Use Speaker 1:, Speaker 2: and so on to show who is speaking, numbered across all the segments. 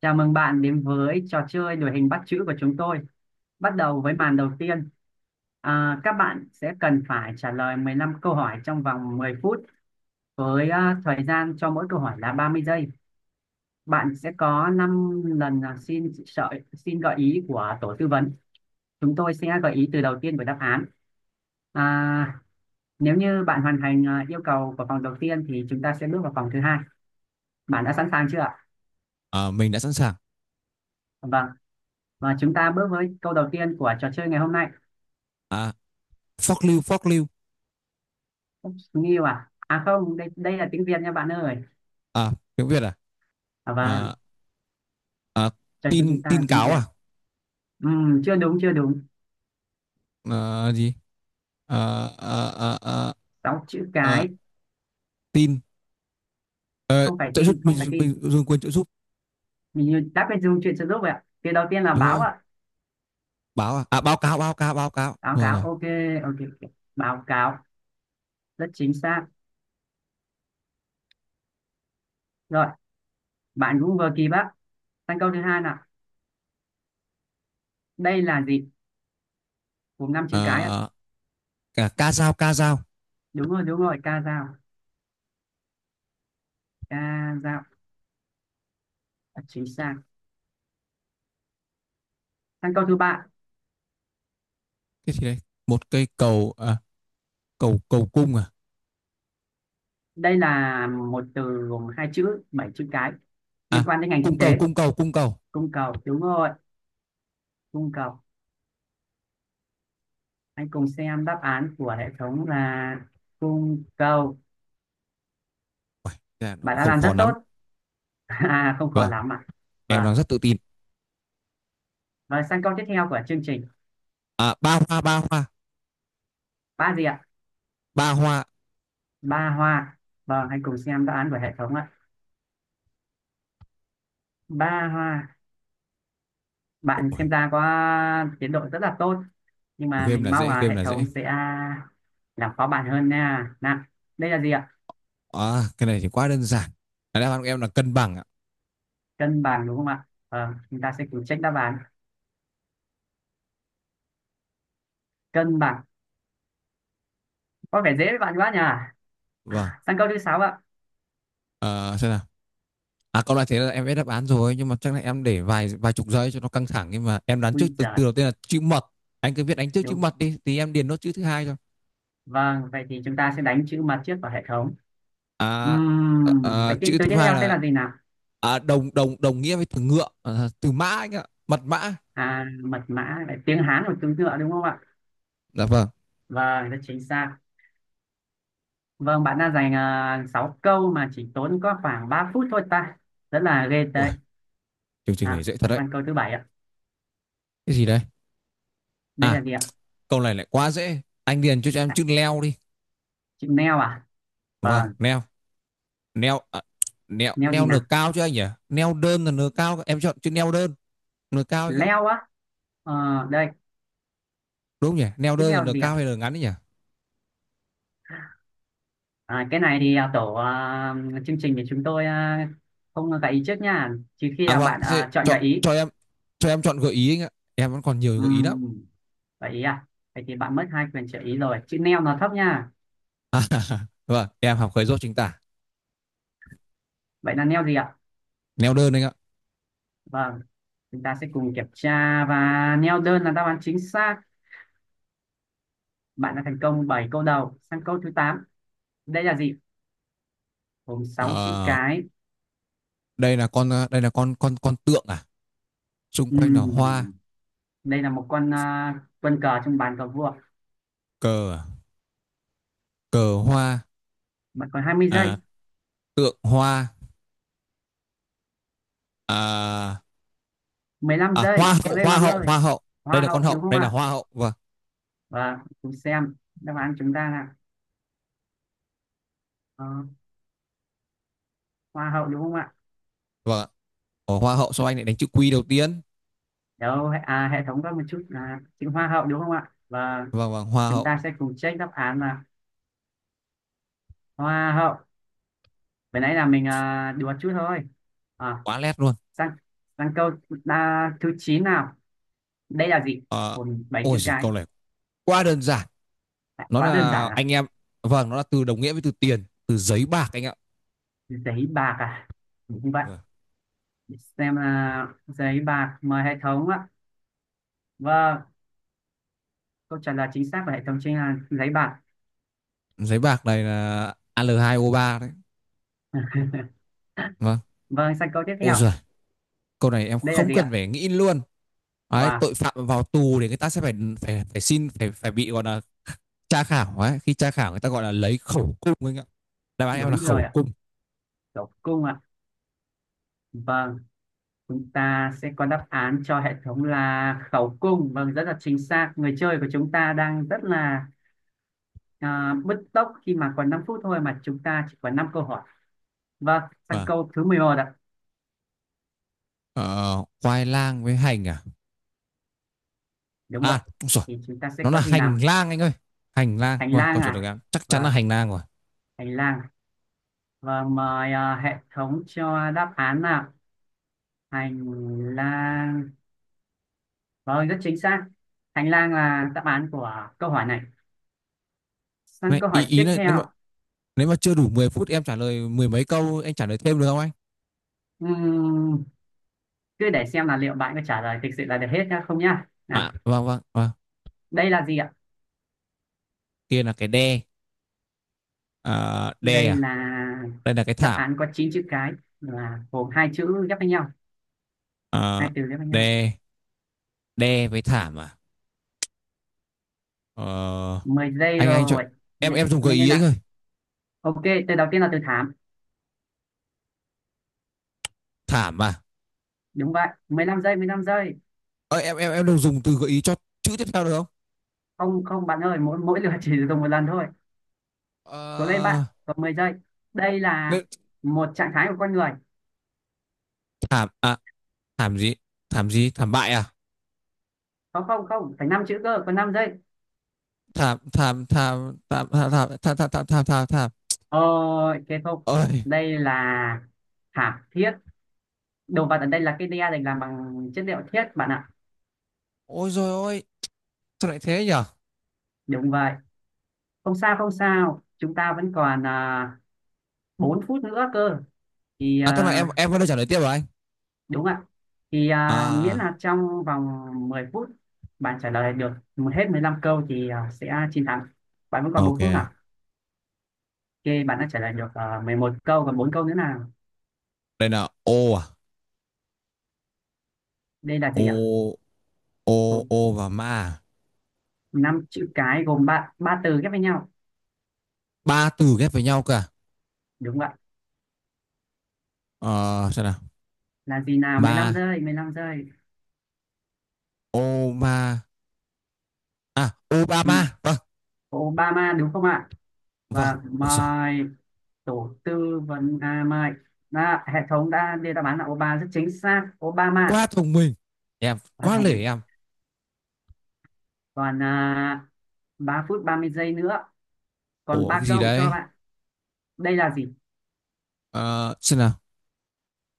Speaker 1: Chào mừng bạn đến với trò chơi đuổi hình bắt chữ của chúng tôi. Bắt đầu với màn đầu tiên. Các bạn sẽ cần phải trả lời 15 câu hỏi trong vòng 10 phút với thời gian cho mỗi câu hỏi là 30 giây. Bạn sẽ có 5 lần xin gợi ý của tổ tư vấn. Chúng tôi sẽ gợi ý từ đầu tiên của đáp án. À, Nếu như bạn hoàn thành yêu cầu của vòng đầu tiên thì chúng ta sẽ bước vào vòng thứ hai. Bạn đã sẵn sàng chưa ạ?
Speaker 2: À, mình đã sẵn sàng.
Speaker 1: Vâng. Và chúng ta bước với câu đầu tiên của trò chơi ngày hôm nay.
Speaker 2: À, phóc lưu, phóc lưu.
Speaker 1: Oops, Nghiêu à? À không, đây đây là tiếng Việt nha bạn ơi.
Speaker 2: À, tiếng Việt à?
Speaker 1: À vâng,
Speaker 2: À, à,
Speaker 1: trò chơi
Speaker 2: tin,
Speaker 1: chúng ta
Speaker 2: tin
Speaker 1: là tiếng
Speaker 2: cáo
Speaker 1: Việt.
Speaker 2: à?
Speaker 1: Chưa đúng, chưa đúng.
Speaker 2: À, gì? À, à, à, à,
Speaker 1: Sáu chữ
Speaker 2: à,
Speaker 1: cái,
Speaker 2: tin. Ờ,
Speaker 1: không phải
Speaker 2: trợ giúp,
Speaker 1: tin, không
Speaker 2: mình,
Speaker 1: phải tin.
Speaker 2: mình dùng quyền trợ giúp.
Speaker 1: Mình như đáp bên dùng chuyện trợ giúp vậy ạ. Thì đầu tiên là
Speaker 2: Đúng
Speaker 1: báo
Speaker 2: rồi.
Speaker 1: ạ.
Speaker 2: Báo à? À, báo cáo, báo cáo, báo cáo.
Speaker 1: Báo
Speaker 2: Rồi,
Speaker 1: cáo,
Speaker 2: rồi.
Speaker 1: ok, ok, ok. Báo cáo, rất chính xác. Rồi, bạn cũng vừa kịp á. Sang câu thứ hai nào. Đây là gì? Gồm năm chữ cái ạ.
Speaker 2: À, cả ca dao, ca dao.
Speaker 1: Đúng rồi, ca dao, chính xác. Sang câu thứ ba.
Speaker 2: Cái gì đấy? Một cây cầu, à, cầu cung à?
Speaker 1: Đây là một từ gồm hai chữ, bảy chữ cái
Speaker 2: À,
Speaker 1: liên quan đến ngành
Speaker 2: cung
Speaker 1: kinh tế.
Speaker 2: cầu, cung cầu, cung cầu.
Speaker 1: Cung cầu, đúng rồi, cung cầu. Hãy cùng xem đáp án của hệ thống là cung cầu.
Speaker 2: Dạ, nó
Speaker 1: Bạn
Speaker 2: cũng
Speaker 1: đã
Speaker 2: không
Speaker 1: làm
Speaker 2: khó
Speaker 1: rất tốt.
Speaker 2: lắm.
Speaker 1: À, không khó
Speaker 2: Vâng,
Speaker 1: lắm ạ.
Speaker 2: em
Speaker 1: Vâng.
Speaker 2: đang rất tự tin.
Speaker 1: Và sang câu tiếp theo của chương trình.
Speaker 2: À, ba hoa, ba hoa.
Speaker 1: Ba gì ạ?
Speaker 2: Ba hoa.
Speaker 1: Ba hoa. Vâng, hãy cùng xem đáp án của hệ thống ạ. Ba hoa. Bạn xem ra có tiến độ rất là tốt. Nhưng mà
Speaker 2: Game
Speaker 1: mình
Speaker 2: là
Speaker 1: mong
Speaker 2: dễ,
Speaker 1: là
Speaker 2: game
Speaker 1: hệ
Speaker 2: là
Speaker 1: thống
Speaker 2: dễ.
Speaker 1: sẽ làm khó bạn hơn nha. Nào, đây là gì ạ?
Speaker 2: À, cái này thì quá đơn giản. Đáp án của em là cân bằng ạ.
Speaker 1: Cân bằng đúng không ạ? Ờ, chúng ta sẽ cùng check đáp án. Cân bằng, có vẻ dễ với bạn quá nhỉ.
Speaker 2: Vâng.
Speaker 1: Sang câu thứ sáu ạ.
Speaker 2: Ờ, xem nào. À, câu này thế là em biết đáp án rồi, nhưng mà chắc là em để vài vài chục giây cho nó căng thẳng, nhưng mà em đoán
Speaker 1: Ui
Speaker 2: trước từ
Speaker 1: giời,
Speaker 2: từ đầu tiên là chữ mật. Anh cứ viết đánh trước chữ
Speaker 1: đúng.
Speaker 2: mật đi thì em điền nốt chữ thứ hai cho.
Speaker 1: Vâng, vậy thì chúng ta sẽ đánh chữ mặt trước vào hệ thống.
Speaker 2: À, à,
Speaker 1: Vậy thì
Speaker 2: chữ
Speaker 1: từ
Speaker 2: thứ
Speaker 1: tiếp theo
Speaker 2: hai
Speaker 1: sẽ
Speaker 2: là
Speaker 1: là gì nào?
Speaker 2: à, đồng đồng đồng nghĩa với từ ngựa, à, từ mã anh ạ, mật mã.
Speaker 1: Mật mã, lại tiếng Hán của từ ngựa đúng không ạ?
Speaker 2: Dạ vâng.
Speaker 1: Vâng, rất chính xác. Vâng, bạn đã dành 6 câu mà chỉ tốn có khoảng 3 phút thôi ta. Rất là ghê tệ.
Speaker 2: Ui, chương trình này dễ thật
Speaker 1: Và
Speaker 2: đấy.
Speaker 1: sang câu thứ bảy ạ.
Speaker 2: Cái gì đấy?
Speaker 1: Đây
Speaker 2: À,
Speaker 1: là gì ạ?
Speaker 2: câu này lại quá dễ. Anh điền cho em
Speaker 1: à,
Speaker 2: chữ leo đi.
Speaker 1: Chữ neo à?
Speaker 2: Vâng,
Speaker 1: Vâng,
Speaker 2: leo. Neo à? neo
Speaker 1: neo gì
Speaker 2: neo nửa
Speaker 1: nào?
Speaker 2: cao chứ anh nhỉ? Neo đơn là nửa cao, em chọn chữ neo đơn nửa cao ấy.
Speaker 1: Leo á? Ờ, đây.
Speaker 2: Đúng nhỉ, neo
Speaker 1: Tiếp
Speaker 2: đơn là
Speaker 1: theo
Speaker 2: nửa
Speaker 1: gì
Speaker 2: cao
Speaker 1: ạ?
Speaker 2: hay nửa ngắn ấy nhỉ?
Speaker 1: À, cái này thì chương trình thì chúng tôi không gợi ý trước nha. Trừ khi
Speaker 2: À
Speaker 1: là
Speaker 2: vâng,
Speaker 1: bạn
Speaker 2: thế
Speaker 1: chọn
Speaker 2: chọn
Speaker 1: gợi ý.
Speaker 2: cho em chọn gợi ý anh ạ, em vẫn còn nhiều gợi ý lắm.
Speaker 1: Ừm, gợi ý à? Vậy thì bạn mất hai quyền trợ ý rồi. Chữ neo nó thấp nha.
Speaker 2: À, vâng em học khởi dốt chính tả.
Speaker 1: Vậy là neo gì ạ?
Speaker 2: Neo đơn anh ạ.
Speaker 1: Vâng, chúng ta sẽ cùng kiểm tra và neo đơn là đáp án chính xác. Bạn đã thành công 7 câu đầu. Sang câu thứ tám. Đây là gì? Gồm sáu chữ
Speaker 2: Ờ,
Speaker 1: cái.
Speaker 2: đây là con, đây là con tượng à, xung quanh là hoa.
Speaker 1: Ừm, đây là một quân cờ trong bàn cờ vua.
Speaker 2: Cờ à? Cờ hoa.
Speaker 1: Bạn còn 20
Speaker 2: À,
Speaker 1: giây,
Speaker 2: tượng hoa. à,
Speaker 1: 15
Speaker 2: à hoa
Speaker 1: giây. Cố
Speaker 2: hậu,
Speaker 1: lên
Speaker 2: hoa
Speaker 1: bạn
Speaker 2: hậu,
Speaker 1: ơi.
Speaker 2: hoa hậu. Đây
Speaker 1: Hoa
Speaker 2: là con
Speaker 1: hậu
Speaker 2: hậu,
Speaker 1: đúng không
Speaker 2: đây là
Speaker 1: ạ?
Speaker 2: hoa hậu, vâng.
Speaker 1: Và cùng xem đáp án chúng ta là ờ, hoa hậu đúng không ạ?
Speaker 2: Vâng ạ. Ờ, hoa hậu, sao anh lại đánh chữ quy đầu tiên?
Speaker 1: Đâu, hệ thống có một chút là chữ hoa hậu đúng không ạ? Và
Speaker 2: Vâng, vâng, hoa
Speaker 1: chúng
Speaker 2: hậu.
Speaker 1: ta sẽ cùng check đáp án là hoa hậu. Vừa nãy là mình đùa chút thôi. à,
Speaker 2: Quá lét luôn.
Speaker 1: sang sang câu thứ 9 nào. Đây là gì?
Speaker 2: Ờ,
Speaker 1: Còn bảy
Speaker 2: ôi
Speaker 1: chữ
Speaker 2: giời,
Speaker 1: cái.
Speaker 2: câu này quá đơn giản, nó
Speaker 1: Quá đơn
Speaker 2: là
Speaker 1: giản à?
Speaker 2: anh em. Vâng, nó là từ đồng nghĩa với từ tiền, từ giấy bạc anh ạ.
Speaker 1: Giấy bạc à? Đúng không vậy?
Speaker 2: Vâng.
Speaker 1: Xem là giấy bạc, mời hệ thống ạ. Vâng, câu trả lời chính xác của hệ thống chính là giấy bạc.
Speaker 2: Giấy bạc này là Al2O3 đấy. Vâng,
Speaker 1: Vâng, sang câu tiếp
Speaker 2: ôi
Speaker 1: theo.
Speaker 2: giời, câu này em
Speaker 1: Đây là
Speaker 2: không
Speaker 1: gì
Speaker 2: cần
Speaker 1: ạ?
Speaker 2: phải nghĩ luôn. Đấy,
Speaker 1: Wow,
Speaker 2: tội phạm vào tù thì người ta sẽ phải phải phải xin phải phải bị gọi là tra khảo ấy, khi tra khảo người ta gọi là lấy khẩu cung anh ạ. Đáp án em là
Speaker 1: đúng rồi
Speaker 2: khẩu
Speaker 1: ạ.
Speaker 2: cung.
Speaker 1: Khẩu cung ạ. Vâng, chúng ta sẽ có đáp án cho hệ thống là khẩu cung. Vâng, rất là chính xác. Người chơi của chúng ta đang rất là bứt tốc khi mà còn 5 phút thôi mà chúng ta chỉ còn 5 câu hỏi. Vâng, sang
Speaker 2: Và
Speaker 1: câu thứ 11 ạ.
Speaker 2: khoai lang với hành à?
Speaker 1: Đúng vậy,
Speaker 2: À, đúng rồi.
Speaker 1: thì chúng ta sẽ
Speaker 2: Nó là
Speaker 1: có gì
Speaker 2: hành
Speaker 1: nào?
Speaker 2: lang anh ơi. Hành lang.
Speaker 1: Hành
Speaker 2: Vâng,
Speaker 1: lang
Speaker 2: câu trả lời của
Speaker 1: à?
Speaker 2: em chắc chắn là
Speaker 1: Vâng,
Speaker 2: hành lang rồi.
Speaker 1: hành lang. Và mời hệ thống cho đáp án nào. Hành lang. Vâng, rất chính xác. Hành lang là đáp án của câu hỏi này. Sang
Speaker 2: Này,
Speaker 1: câu
Speaker 2: ý
Speaker 1: hỏi
Speaker 2: ý
Speaker 1: tiếp
Speaker 2: này, nếu mà
Speaker 1: theo.
Speaker 2: nếu mà chưa đủ 10 phút em trả lời mười mấy câu, anh trả lời thêm được không anh?
Speaker 1: Ừm, cứ để xem là liệu bạn có trả lời thực sự là được hết nhá không nhá nào.
Speaker 2: À, vâng vâng, vâng.
Speaker 1: Đây là gì ạ?
Speaker 2: Kia là cái đe. À, đe
Speaker 1: Đây
Speaker 2: à?
Speaker 1: là
Speaker 2: Đây là cái
Speaker 1: đáp
Speaker 2: thảm.
Speaker 1: án có 9 chữ cái, là gồm hai chữ ghép với nhau, hai
Speaker 2: À,
Speaker 1: từ ghép với nhau.
Speaker 2: đe, đe với thảm à? Ờ,
Speaker 1: 10 giây
Speaker 2: anh cho
Speaker 1: rồi,
Speaker 2: em
Speaker 1: nhanh
Speaker 2: em dùng gợi
Speaker 1: nhanh lên
Speaker 2: ý anh
Speaker 1: nào.
Speaker 2: ơi.
Speaker 1: Ok, từ đầu tiên là từ thảm.
Speaker 2: Thảm à?
Speaker 1: Đúng vậy. 15 giây, 15 giây.
Speaker 2: Ờ, em đừng dùng từ gợi ý cho chữ tiếp theo được không?
Speaker 1: Không không bạn ơi, mỗi mỗi lượt chỉ dùng một lần thôi. Cố lên
Speaker 2: Ờ,
Speaker 1: bạn, còn 10 giây. Đây là một trạng thái của con người.
Speaker 2: thảm à? Thảm gì? Thảm gì? Thảm bại à?
Speaker 1: Không không không, phải 5 chữ cơ, còn 5 giây.
Speaker 2: Thảm thảm thảm thảm thảm thảm thảm thảm thảm thảm thảm thảm.
Speaker 1: Ờ, cái không.
Speaker 2: Ôi,
Speaker 1: Đây là thảm thiết. Đồ vật ở đây là cái đe được làm bằng chất liệu thiết bạn ạ.
Speaker 2: ôi rồi, ôi. Sao lại thế nhở?
Speaker 1: Đúng vậy, không sao không sao, chúng ta vẫn còn 4 phút nữa cơ. thì
Speaker 2: À, tức là em
Speaker 1: à,
Speaker 2: em có đưa trả lời tiếp rồi anh.
Speaker 1: Đúng ạ.
Speaker 2: à
Speaker 1: Miễn
Speaker 2: à,
Speaker 1: là trong vòng 10 phút bạn trả lời được một hết 15 câu thì sẽ chiến thắng. Bạn vẫn còn
Speaker 2: ok.
Speaker 1: 4 phút à. Ok, bạn đã trả lời được 11 câu, còn 4 câu nữa nào.
Speaker 2: Đây là ô à?
Speaker 1: Đây là gì ạ?
Speaker 2: Ô ô ô và ma à?
Speaker 1: Năm chữ cái, gồm ba ba từ ghép với nhau.
Speaker 2: Ba từ ghép với nhau cơ à?
Speaker 1: Đúng vậy.
Speaker 2: Ờ, xem nào.
Speaker 1: Là gì nào? Mười lăm
Speaker 2: Ma,
Speaker 1: giây, 15 giây.
Speaker 2: ô ma, à
Speaker 1: Ừ,
Speaker 2: Obama, vâng.
Speaker 1: Obama đúng không ạ?
Speaker 2: Vâng,
Speaker 1: Và
Speaker 2: ôi rồi.
Speaker 1: mời tổ tư vấn, mời hệ thống đã đưa đáp án là Obama. Rất chính xác, Obama.
Speaker 2: Quá thông minh. Em
Speaker 1: Và
Speaker 2: quá
Speaker 1: thông minh.
Speaker 2: lể em.
Speaker 1: Còn 3 phút 30 giây nữa, còn
Speaker 2: Ủa,
Speaker 1: ba
Speaker 2: cái gì
Speaker 1: câu cho
Speaker 2: đấy?
Speaker 1: bạn. Đây là gì?
Speaker 2: Ờ, xem nào.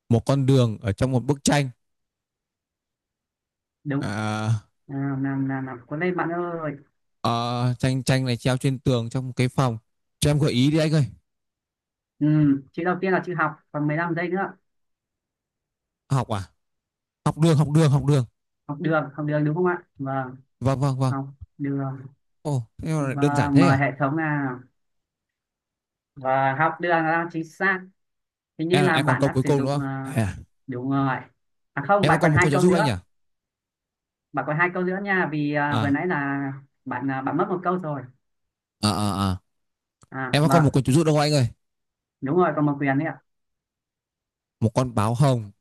Speaker 2: Một con đường ở trong một bức tranh.
Speaker 1: Đúng.
Speaker 2: À,
Speaker 1: Nào nào nào, nào. Có lên bạn ơi.
Speaker 2: Ờ, tranh tranh này treo trên tường trong một cái phòng. Cho em gợi ý đi anh ơi.
Speaker 1: Ừ, chữ đầu tiên là chữ học, còn 15 giây nữa.
Speaker 2: Học à? Học đường, học đường, học đường.
Speaker 1: Học đường, học đường đúng không ạ? Vâng,
Speaker 2: Vâng, vâng, vâng.
Speaker 1: học đường.
Speaker 2: Ồ, thế mà lại đơn giản
Speaker 1: Vâng,
Speaker 2: thế à?
Speaker 1: mời hệ thống nào. Và học đường là chính xác. Hình như
Speaker 2: Em
Speaker 1: là
Speaker 2: em còn
Speaker 1: bạn
Speaker 2: câu
Speaker 1: đã
Speaker 2: cuối
Speaker 1: sử
Speaker 2: cùng đúng
Speaker 1: dụng
Speaker 2: không?
Speaker 1: ờ,
Speaker 2: À?
Speaker 1: đúng rồi. À không,
Speaker 2: Em có
Speaker 1: bạn
Speaker 2: còn
Speaker 1: còn
Speaker 2: một
Speaker 1: hai
Speaker 2: câu trợ
Speaker 1: câu
Speaker 2: giúp anh nhỉ?
Speaker 1: nữa. Bạn còn hai câu nữa nha vì vừa
Speaker 2: À,
Speaker 1: nãy là bạn mất một câu rồi.
Speaker 2: à.
Speaker 1: À
Speaker 2: Em có còn một
Speaker 1: vâng,
Speaker 2: câu trợ giúp đâu anh ơi?
Speaker 1: đúng rồi, còn một quyền đấy ạ.
Speaker 2: Một con báo hồng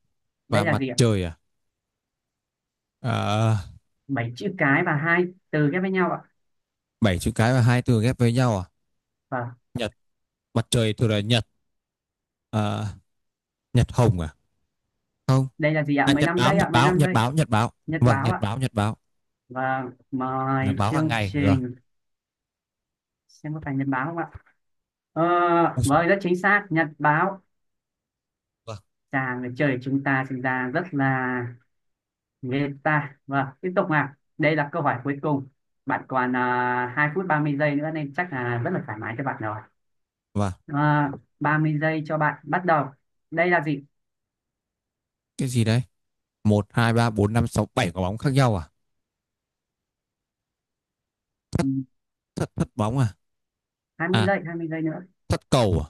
Speaker 2: và
Speaker 1: Đây là
Speaker 2: mặt
Speaker 1: gì ạ?
Speaker 2: trời à? À,
Speaker 1: Bảy chữ cái và hai từ ghép với nhau ạ.
Speaker 2: bảy chữ cái và hai từ ghép với nhau à?
Speaker 1: Vâng.
Speaker 2: Nhật, mặt trời thường là nhật. À, nhật hồng à? Không.
Speaker 1: Đây là gì ạ?
Speaker 2: À,
Speaker 1: Mười
Speaker 2: nhật
Speaker 1: lăm
Speaker 2: báo,
Speaker 1: giây
Speaker 2: nhật
Speaker 1: ạ, mười
Speaker 2: báo,
Speaker 1: lăm
Speaker 2: nhật
Speaker 1: giây.
Speaker 2: báo, nhật báo.
Speaker 1: Nhật
Speaker 2: Vâng,
Speaker 1: báo
Speaker 2: nhật
Speaker 1: ạ?
Speaker 2: báo, nhật báo.
Speaker 1: Vâng,
Speaker 2: Là
Speaker 1: mời
Speaker 2: báo hàng
Speaker 1: chương
Speaker 2: ngày rồi.
Speaker 1: trình xem có phải nhật báo không ạ. Ờ, vâng, rất chính xác, nhật báo.
Speaker 2: Vâng,
Speaker 1: Chàng trời chúng ta sinh ra rất là Game ta. Vâng, tiếp tục nào. Đây là câu hỏi cuối cùng. Bạn còn 2 phút 30 giây nữa nên chắc là rất là thoải mái cho bạn rồi.
Speaker 2: vâng.
Speaker 1: à, Ba mươi giây cho bạn, bắt đầu. Đây là gì?
Speaker 2: Cái gì đấy? Một, hai, ba, bốn, năm, sáu, bảy quả bóng khác nhau à?
Speaker 1: Ừ,
Speaker 2: Thất thất bóng à?
Speaker 1: hai mươi
Speaker 2: À,
Speaker 1: giây, 20 giây nữa.
Speaker 2: thất cầu à?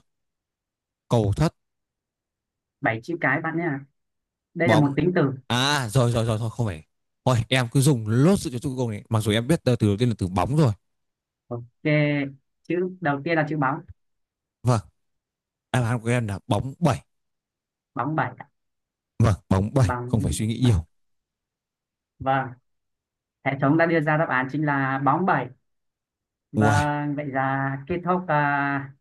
Speaker 2: Cầu thất.
Speaker 1: 7 chữ cái bạn nhé, đây là một
Speaker 2: Bóng.
Speaker 1: tính từ.
Speaker 2: À rồi, rồi rồi thôi không phải. Thôi em cứ dùng lốt sự cho chung cùng này, mặc dù em biết từ đầu tiên là từ bóng rồi.
Speaker 1: Ok, chữ đầu tiên là chữ bóng.
Speaker 2: Vâng. Đáp án của em là bóng bảy.
Speaker 1: Bóng bảy.
Speaker 2: Vâng, bóng bảy, không phải
Speaker 1: Bóng
Speaker 2: suy nghĩ
Speaker 1: bảy,
Speaker 2: nhiều.
Speaker 1: vâng. Hệ thống đã đưa ra đáp án chính là bóng bảy.
Speaker 2: Uầy,
Speaker 1: Vâng, vậy là kết thúc à,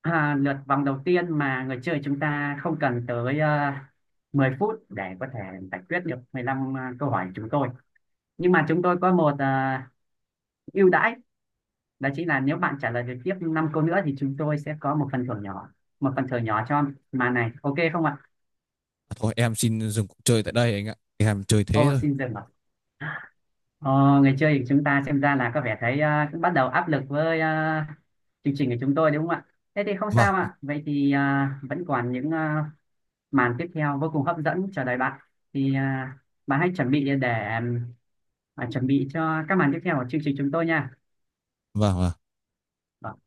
Speaker 1: à, lượt vòng đầu tiên mà người chơi chúng ta không cần tới 10 phút để có thể giải quyết được 15 câu hỏi của chúng tôi. Nhưng mà chúng tôi có một ưu đãi, đó chính là nếu bạn trả lời được tiếp 5 câu nữa thì chúng tôi sẽ có một phần thưởng nhỏ, một phần thưởng nhỏ cho màn này. Ok không ạ?
Speaker 2: thôi em xin dừng cuộc chơi tại đây anh ạ, em chơi thế
Speaker 1: Ô,
Speaker 2: thôi.
Speaker 1: xin dừng ạ. Ờ, người chơi của chúng ta xem ra là có vẻ thấy cũng bắt đầu áp lực với chương trình của chúng tôi đúng không ạ? Thế thì không
Speaker 2: Vâng,
Speaker 1: sao ạ. Vậy thì vẫn còn những màn tiếp theo vô cùng hấp dẫn chờ đợi bạn. Thì à, Bạn hãy chuẩn bị để chuẩn bị cho các màn tiếp theo của chương trình chúng tôi nha.
Speaker 2: vâng, vâng.
Speaker 1: Vâng.